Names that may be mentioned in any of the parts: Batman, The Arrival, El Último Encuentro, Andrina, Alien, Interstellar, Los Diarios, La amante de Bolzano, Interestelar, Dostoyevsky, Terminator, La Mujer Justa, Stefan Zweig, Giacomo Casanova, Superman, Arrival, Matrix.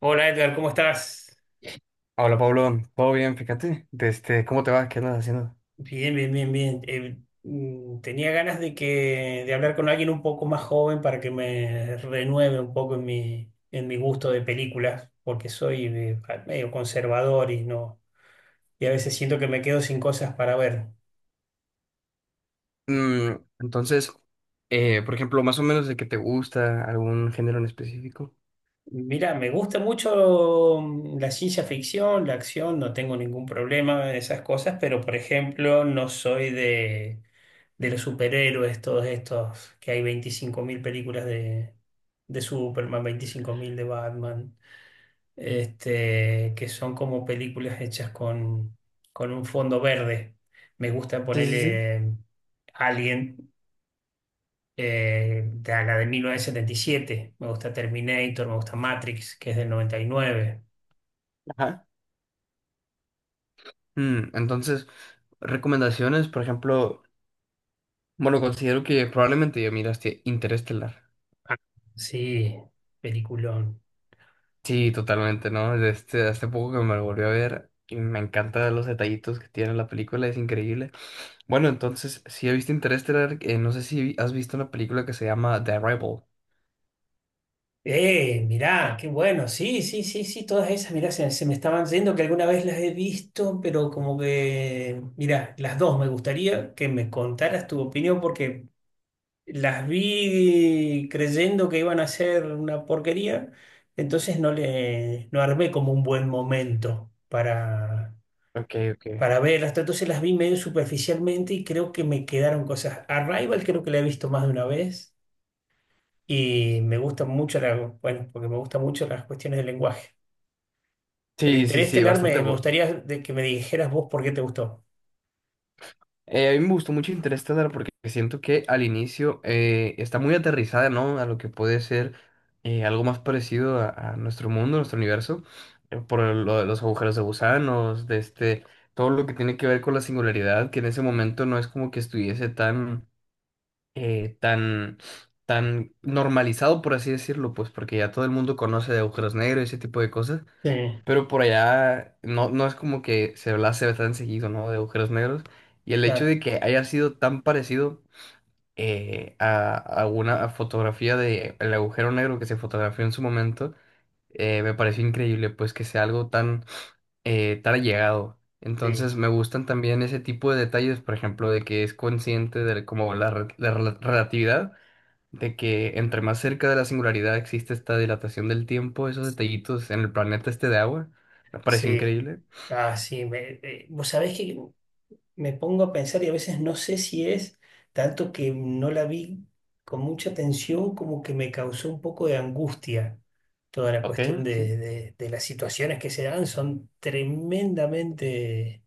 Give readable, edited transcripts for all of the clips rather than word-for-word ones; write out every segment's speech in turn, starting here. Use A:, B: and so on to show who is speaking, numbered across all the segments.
A: Hola Edgar, ¿cómo estás?
B: Hola Pablo, todo bien, fíjate, desde cómo te va, qué andas haciendo.
A: Bien, bien, bien, bien. Tenía ganas de hablar con alguien un poco más joven para que me renueve un poco en mi gusto de películas, porque soy medio conservador y no, y a veces siento que me quedo sin cosas para ver.
B: Mm, entonces, por ejemplo, más o menos de que te gusta algún género en específico.
A: Mira, me gusta mucho la ciencia ficción, la acción, no tengo ningún problema en esas cosas, pero por ejemplo, no soy de los superhéroes, todos estos, que hay 25.000 películas de Superman, 25.000 de Batman, que son como películas hechas con un fondo verde. Me gusta
B: Sí, sí, sí.
A: ponerle Alien. De 1977 me gusta Terminator, me gusta Matrix, que es del 99.
B: Ajá. Entonces, recomendaciones, por ejemplo, bueno, considero que probablemente ya miraste Interestelar.
A: Ah, sí, peliculón.
B: Sí, totalmente, ¿no? Este, hace poco que me lo volví a ver y me encantan los detallitos que tiene la película, es increíble. Bueno, entonces, si he visto Interestelar, no sé si has visto una película que se llama The Arrival.
A: Mirá, qué bueno, sí, sí, sí, sí, todas esas, mirá, se me estaban yendo que alguna vez las he visto, pero como que, mirá, las dos me gustaría que me contaras tu opinión porque las vi creyendo que iban a ser una porquería, entonces no armé como un buen momento para
B: Ok, ok.
A: verlas, todo, entonces las vi medio superficialmente y creo que me quedaron cosas. Arrival creo que la he visto más de una vez y me gusta mucho bueno, porque me gustan mucho las cuestiones del lenguaje. Pero
B: Sí, sí, sí,
A: Interestelar
B: bastante
A: me
B: bueno.
A: gustaría de que me dijeras vos por qué te gustó.
B: A mí me gustó mucho Interstellar porque siento que al inicio está muy aterrizada, ¿no? A lo que puede ser algo más parecido a nuestro mundo, nuestro universo, por lo de los agujeros de gusanos, de este, todo lo que tiene que ver con la singularidad, que en ese momento no es como que estuviese tan, eh, tan, tan normalizado, por así decirlo, pues porque ya todo el mundo conoce de agujeros negros y ese tipo de cosas.
A: Sí,
B: Pero por allá no, no es como que se hablase ve tan seguido, ¿no? De agujeros negros. Y el hecho
A: claro,
B: de que haya sido tan parecido a una fotografía de el agujero negro que se fotografió en su momento, me pareció increíble, pues que sea algo tan, tan allegado.
A: sí,
B: Entonces me gustan también ese tipo de detalles, por ejemplo, de que es consciente de como la, re- la rela- relatividad de que entre más cerca de la singularidad existe esta dilatación del tiempo, esos detallitos en el planeta este de agua, me pareció
A: sí.
B: increíble.
A: Ah, sí, vos sabés que me pongo a pensar y a veces no sé si es tanto que no la vi con mucha atención como que me causó un poco de angustia toda la
B: Ok,
A: cuestión
B: sí.
A: de las situaciones que se dan. Son tremendamente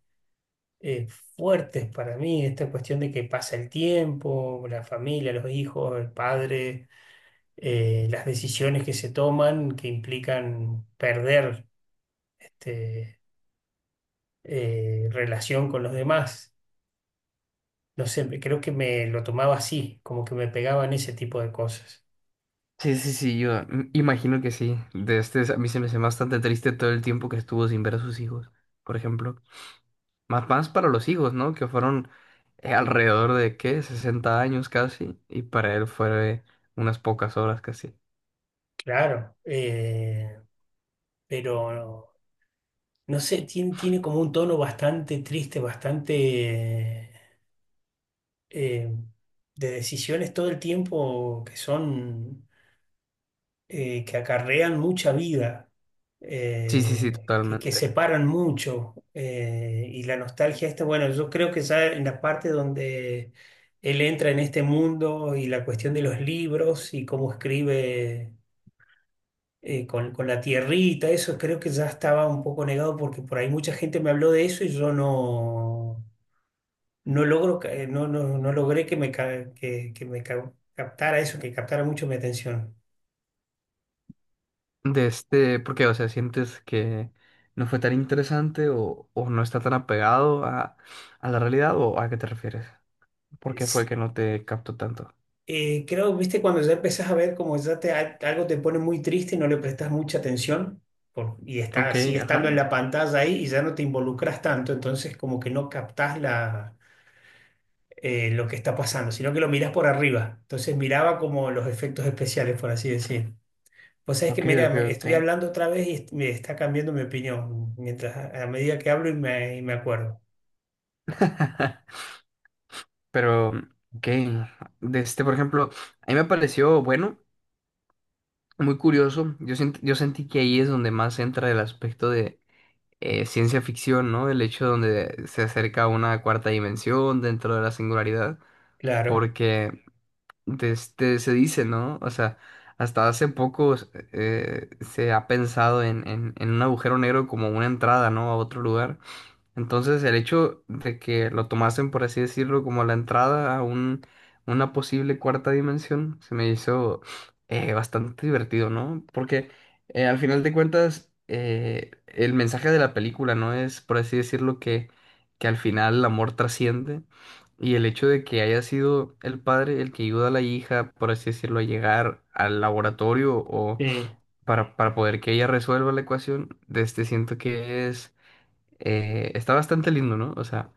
A: eh, fuertes para mí, esta cuestión de que pasa el tiempo, la familia, los hijos, el padre, las decisiones que se toman que implican perder este, relación con los demás. No sé, creo que me lo tomaba así, como que me pegaban ese tipo de cosas.
B: Sí, sí, sí, yo imagino que sí. De este, a mí se me hace bastante triste todo el tiempo que estuvo sin ver a sus hijos, por ejemplo. Más, más para los hijos, ¿no? Que fueron alrededor de, ¿qué? 60 años casi, y para él fue unas pocas horas casi.
A: Claro, pero no sé, tiene como un tono bastante triste, bastante eh, de decisiones todo el tiempo que son. Que, acarrean mucha vida,
B: Sí, sí, sí,
A: Que
B: totalmente.
A: separan mucho. Y la nostalgia esta, bueno, yo creo que ya en la parte donde él entra en este mundo y la cuestión de los libros y cómo escribe con la tierrita, eso creo que ya estaba un poco negado porque por ahí mucha gente me habló de eso y yo no no logro, ca- no, no, no logré que me, captara eso, que captara mucho mi atención.
B: De este, porque, o sea, ¿sientes que no fue tan interesante o no está tan apegado a la realidad o a qué te refieres? ¿Por qué fue que no te captó tanto?
A: Creo, viste, cuando ya empezás a ver como ya algo te pone muy triste y no le prestas mucha atención, y está,
B: Ok,
A: sigue estando en
B: ajá.
A: la pantalla ahí y ya no te involucras tanto, entonces como que no captás lo que está pasando, sino que lo mirás por arriba. Entonces miraba como los efectos especiales, por así decir. Pues es que,
B: Ok,
A: mira,
B: ok, ok.
A: estoy hablando otra vez y me está cambiando mi opinión mientras a medida que hablo y y me acuerdo.
B: Pero, ok, de este, por ejemplo, a mí me pareció, bueno, muy curioso. Yo sentí que ahí es donde más entra el aspecto de ciencia ficción, ¿no? El hecho donde se acerca a una cuarta dimensión dentro de la singularidad,
A: Claro.
B: porque de este, se dice, ¿no? O sea, hasta hace poco se ha pensado en un agujero negro como una entrada, ¿no? A otro lugar. Entonces, el hecho de que lo tomasen, por así decirlo, como la entrada a un, una posible cuarta dimensión, se me hizo bastante divertido, ¿no? Porque al final de cuentas, el mensaje de la película, ¿no? Es, por así decirlo, que al final el amor trasciende y el hecho de que haya sido el padre el que ayuda a la hija, por así decirlo, a llegar al laboratorio o
A: Sí,
B: para poder que ella resuelva la ecuación, de este siento que es está bastante lindo, ¿no? O sea,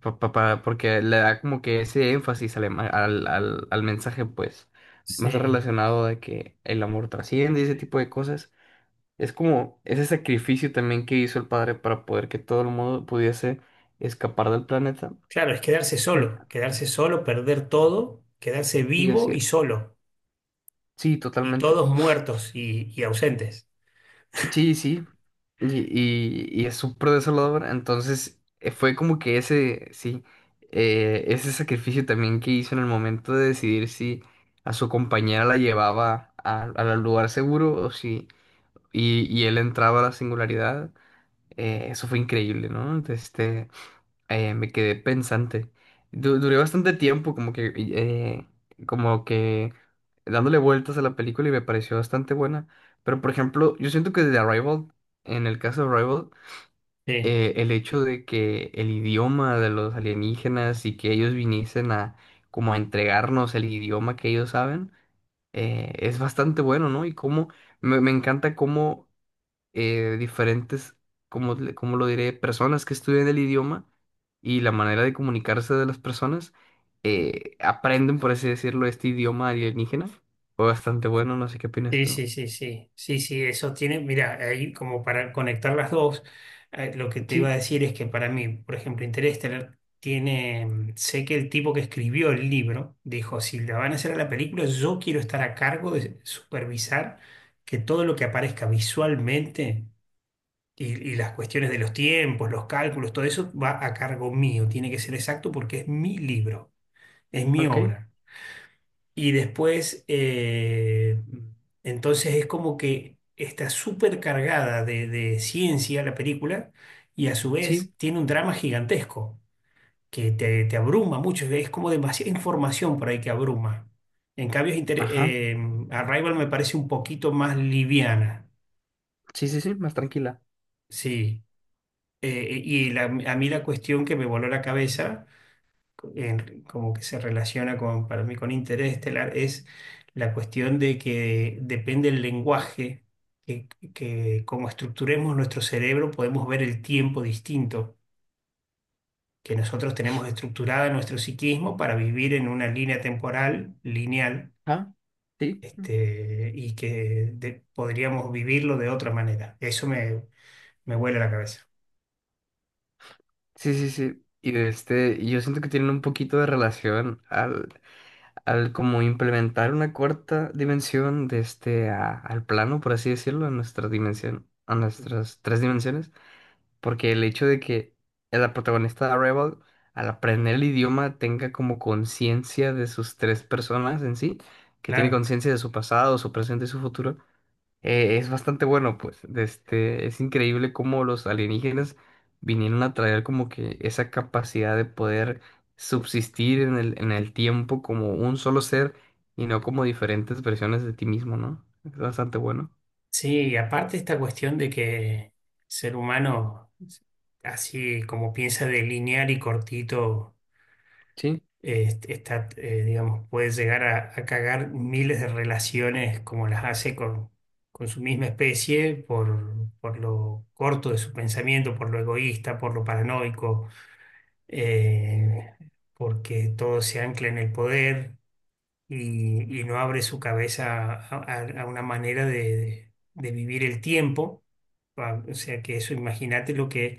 B: porque le da como que ese énfasis al, ema- al, al- al mensaje, pues, más
A: sí.
B: relacionado de que el amor trasciende y ese tipo de cosas. Es como ese sacrificio también que hizo el padre para poder que todo el mundo pudiese escapar del planeta.
A: Claro, es quedarse solo, perder todo, quedarse
B: Sí, así
A: vivo
B: es.
A: y solo,
B: Sí,
A: y
B: totalmente.
A: todos muertos y ausentes.
B: Sí, sí. Y, y es súper desolador. Entonces, fue como que ese, sí, ese sacrificio también que hizo en el momento de decidir si a su compañera la llevaba a- al lugar seguro o si, y él entraba a la singularidad. Eso fue increíble, ¿no? Este, me quedé pensante. Duré bastante tiempo como que, como que dándole vueltas a la película y me pareció bastante buena. Pero por ejemplo, yo siento que de Arrival, en el caso de Arrival,
A: Sí,
B: el hecho de que el idioma de los alienígenas y que ellos viniesen a como a entregarnos el idioma que ellos saben, es bastante bueno, ¿no? Y cómo me encanta cómo diferentes, como, como lo diré, personas que estudian el idioma y la manera de comunicarse de las personas, aprenden, por así decirlo, este idioma alienígena. Fue bastante bueno, no sé qué opinas
A: sí,
B: tú.
A: sí, sí, sí, sí, sí, eso tiene, mira, ahí como para conectar las dos. Lo que te iba a
B: Sí,
A: decir es que para mí, por ejemplo, Interestelar tiene, sé que el tipo que escribió el libro dijo, si la van a hacer a la película, yo quiero estar a cargo de supervisar que todo lo que aparezca visualmente y, y las cuestiones de los tiempos, los cálculos, todo eso va a cargo mío, tiene que ser exacto porque es mi libro, es mi
B: ok,
A: obra. Y después, entonces es como que está súper cargada de ciencia la película y a su vez
B: sí,
A: tiene un drama gigantesco que te abruma mucho, es como demasiada información por ahí que abruma. En cambio,
B: ajá,
A: Arrival me parece un poquito más liviana,
B: sí, sí, sí, más tranquila.
A: sí. Y a mí la cuestión que me voló la cabeza, como que se relaciona para mí con interés estelar, es la cuestión de que depende el lenguaje, que, que como estructuremos nuestro cerebro podemos ver el tiempo distinto, que nosotros tenemos estructurada nuestro psiquismo para vivir en una línea temporal lineal,
B: Ajá, sí,
A: y que podríamos vivirlo de otra manera. Eso me vuela la cabeza.
B: sí, sí, sí. Y de este, y yo siento que tienen un poquito de relación al, al como implementar una cuarta dimensión de este a- al plano, por así decirlo, a nuestra dimensión, a nuestras tres dimensiones, porque el hecho de que la protagonista de Arrival, al aprender el idioma, tenga como conciencia de sus tres personas en sí, que tiene
A: Claro.
B: conciencia de su pasado, su presente y su futuro, es bastante bueno, pues. De este, es increíble cómo los alienígenas vinieron a traer como que esa capacidad de poder subsistir en el tiempo como un solo ser y no como diferentes versiones de ti mismo, ¿no? Es bastante bueno.
A: Sí, y aparte esta cuestión de que el ser humano, así como piensa de lineal y cortito,
B: Sí,
A: digamos, puede llegar a cagar miles de relaciones como las hace con su misma especie, por lo corto de su pensamiento, por lo egoísta, por lo paranoico, eh, porque todo se ancla en el poder y no abre su cabeza a una manera de vivir el tiempo. O sea que eso, imagínate lo que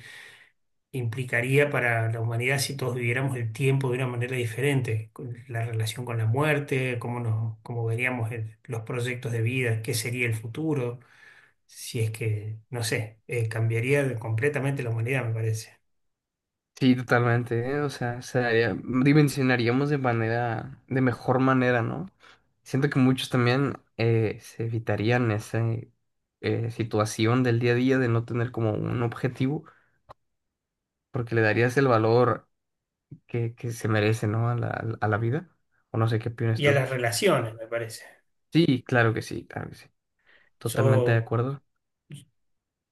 A: implicaría para la humanidad si todos viviéramos el tiempo de una manera diferente, con la relación con la muerte, cómo veríamos los proyectos de vida, qué sería el futuro, si es que, no sé, cambiaría completamente la humanidad, me parece.
B: sí, totalmente, ¿eh? O sea, dimensionaríamos de manera, de mejor manera, ¿no? Siento que muchos también se evitarían esa situación del día a día de no tener como un objetivo porque le darías el valor que se merece, ¿no? A la vida. O no sé qué opinas
A: Y a
B: tú.
A: las relaciones, me parece.
B: Sí, claro que sí, claro que sí. Totalmente de
A: Yo
B: acuerdo.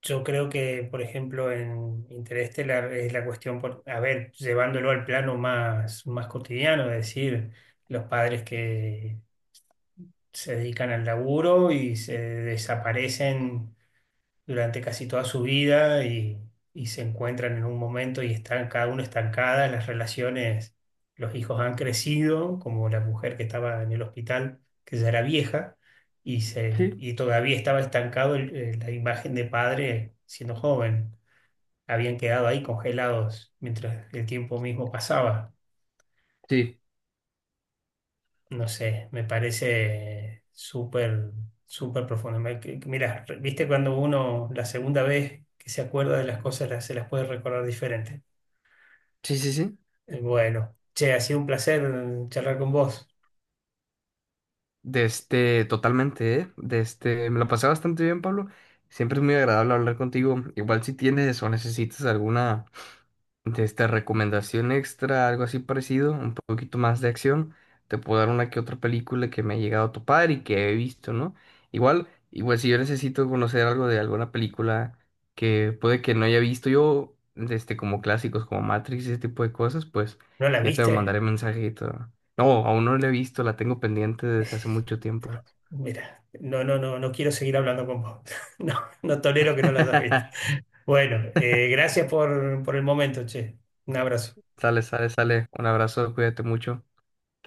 A: Yo creo que, por ejemplo, en Interestelar es la cuestión, a ver, llevándolo al plano más, más cotidiano, es decir, los padres que se dedican al laburo y se desaparecen durante casi toda su vida y se encuentran en un momento y están cada uno estancada, las relaciones, los hijos han crecido, como la mujer que estaba en el hospital, que ya era vieja,
B: Sí.
A: y todavía estaba estancado la imagen de padre siendo joven, habían quedado ahí congelados mientras el tiempo mismo pasaba.
B: Sí,
A: No sé, me parece súper, súper profundo. Mira, viste cuando uno la segunda vez que se acuerda de las cosas se las puede recordar diferente.
B: sí, sí, sí.
A: Bueno, che, ha sido un placer charlar con vos.
B: De este, totalmente, ¿eh? De este, me lo pasé bastante bien, Pablo. Siempre es muy agradable hablar contigo. Igual si tienes o necesitas alguna de esta recomendación extra, algo así parecido, un poquito más de acción, te puedo dar una que otra película que me ha llegado a topar y que he visto, ¿no? Igual, igual si yo necesito conocer algo de alguna película que puede que no haya visto yo, de este, como clásicos, como Matrix, ese tipo de cosas, pues
A: ¿No la
B: ya te
A: viste?
B: mandaré mensajito. No, aún no la he visto, la tengo pendiente desde hace mucho tiempo.
A: Mira, no, no, no, no quiero seguir hablando con vos. No, no tolero que no las hayas visto. Bueno, gracias por el momento, che. Un abrazo.
B: Sale, sale, sale. Un abrazo, cuídate mucho. Hasta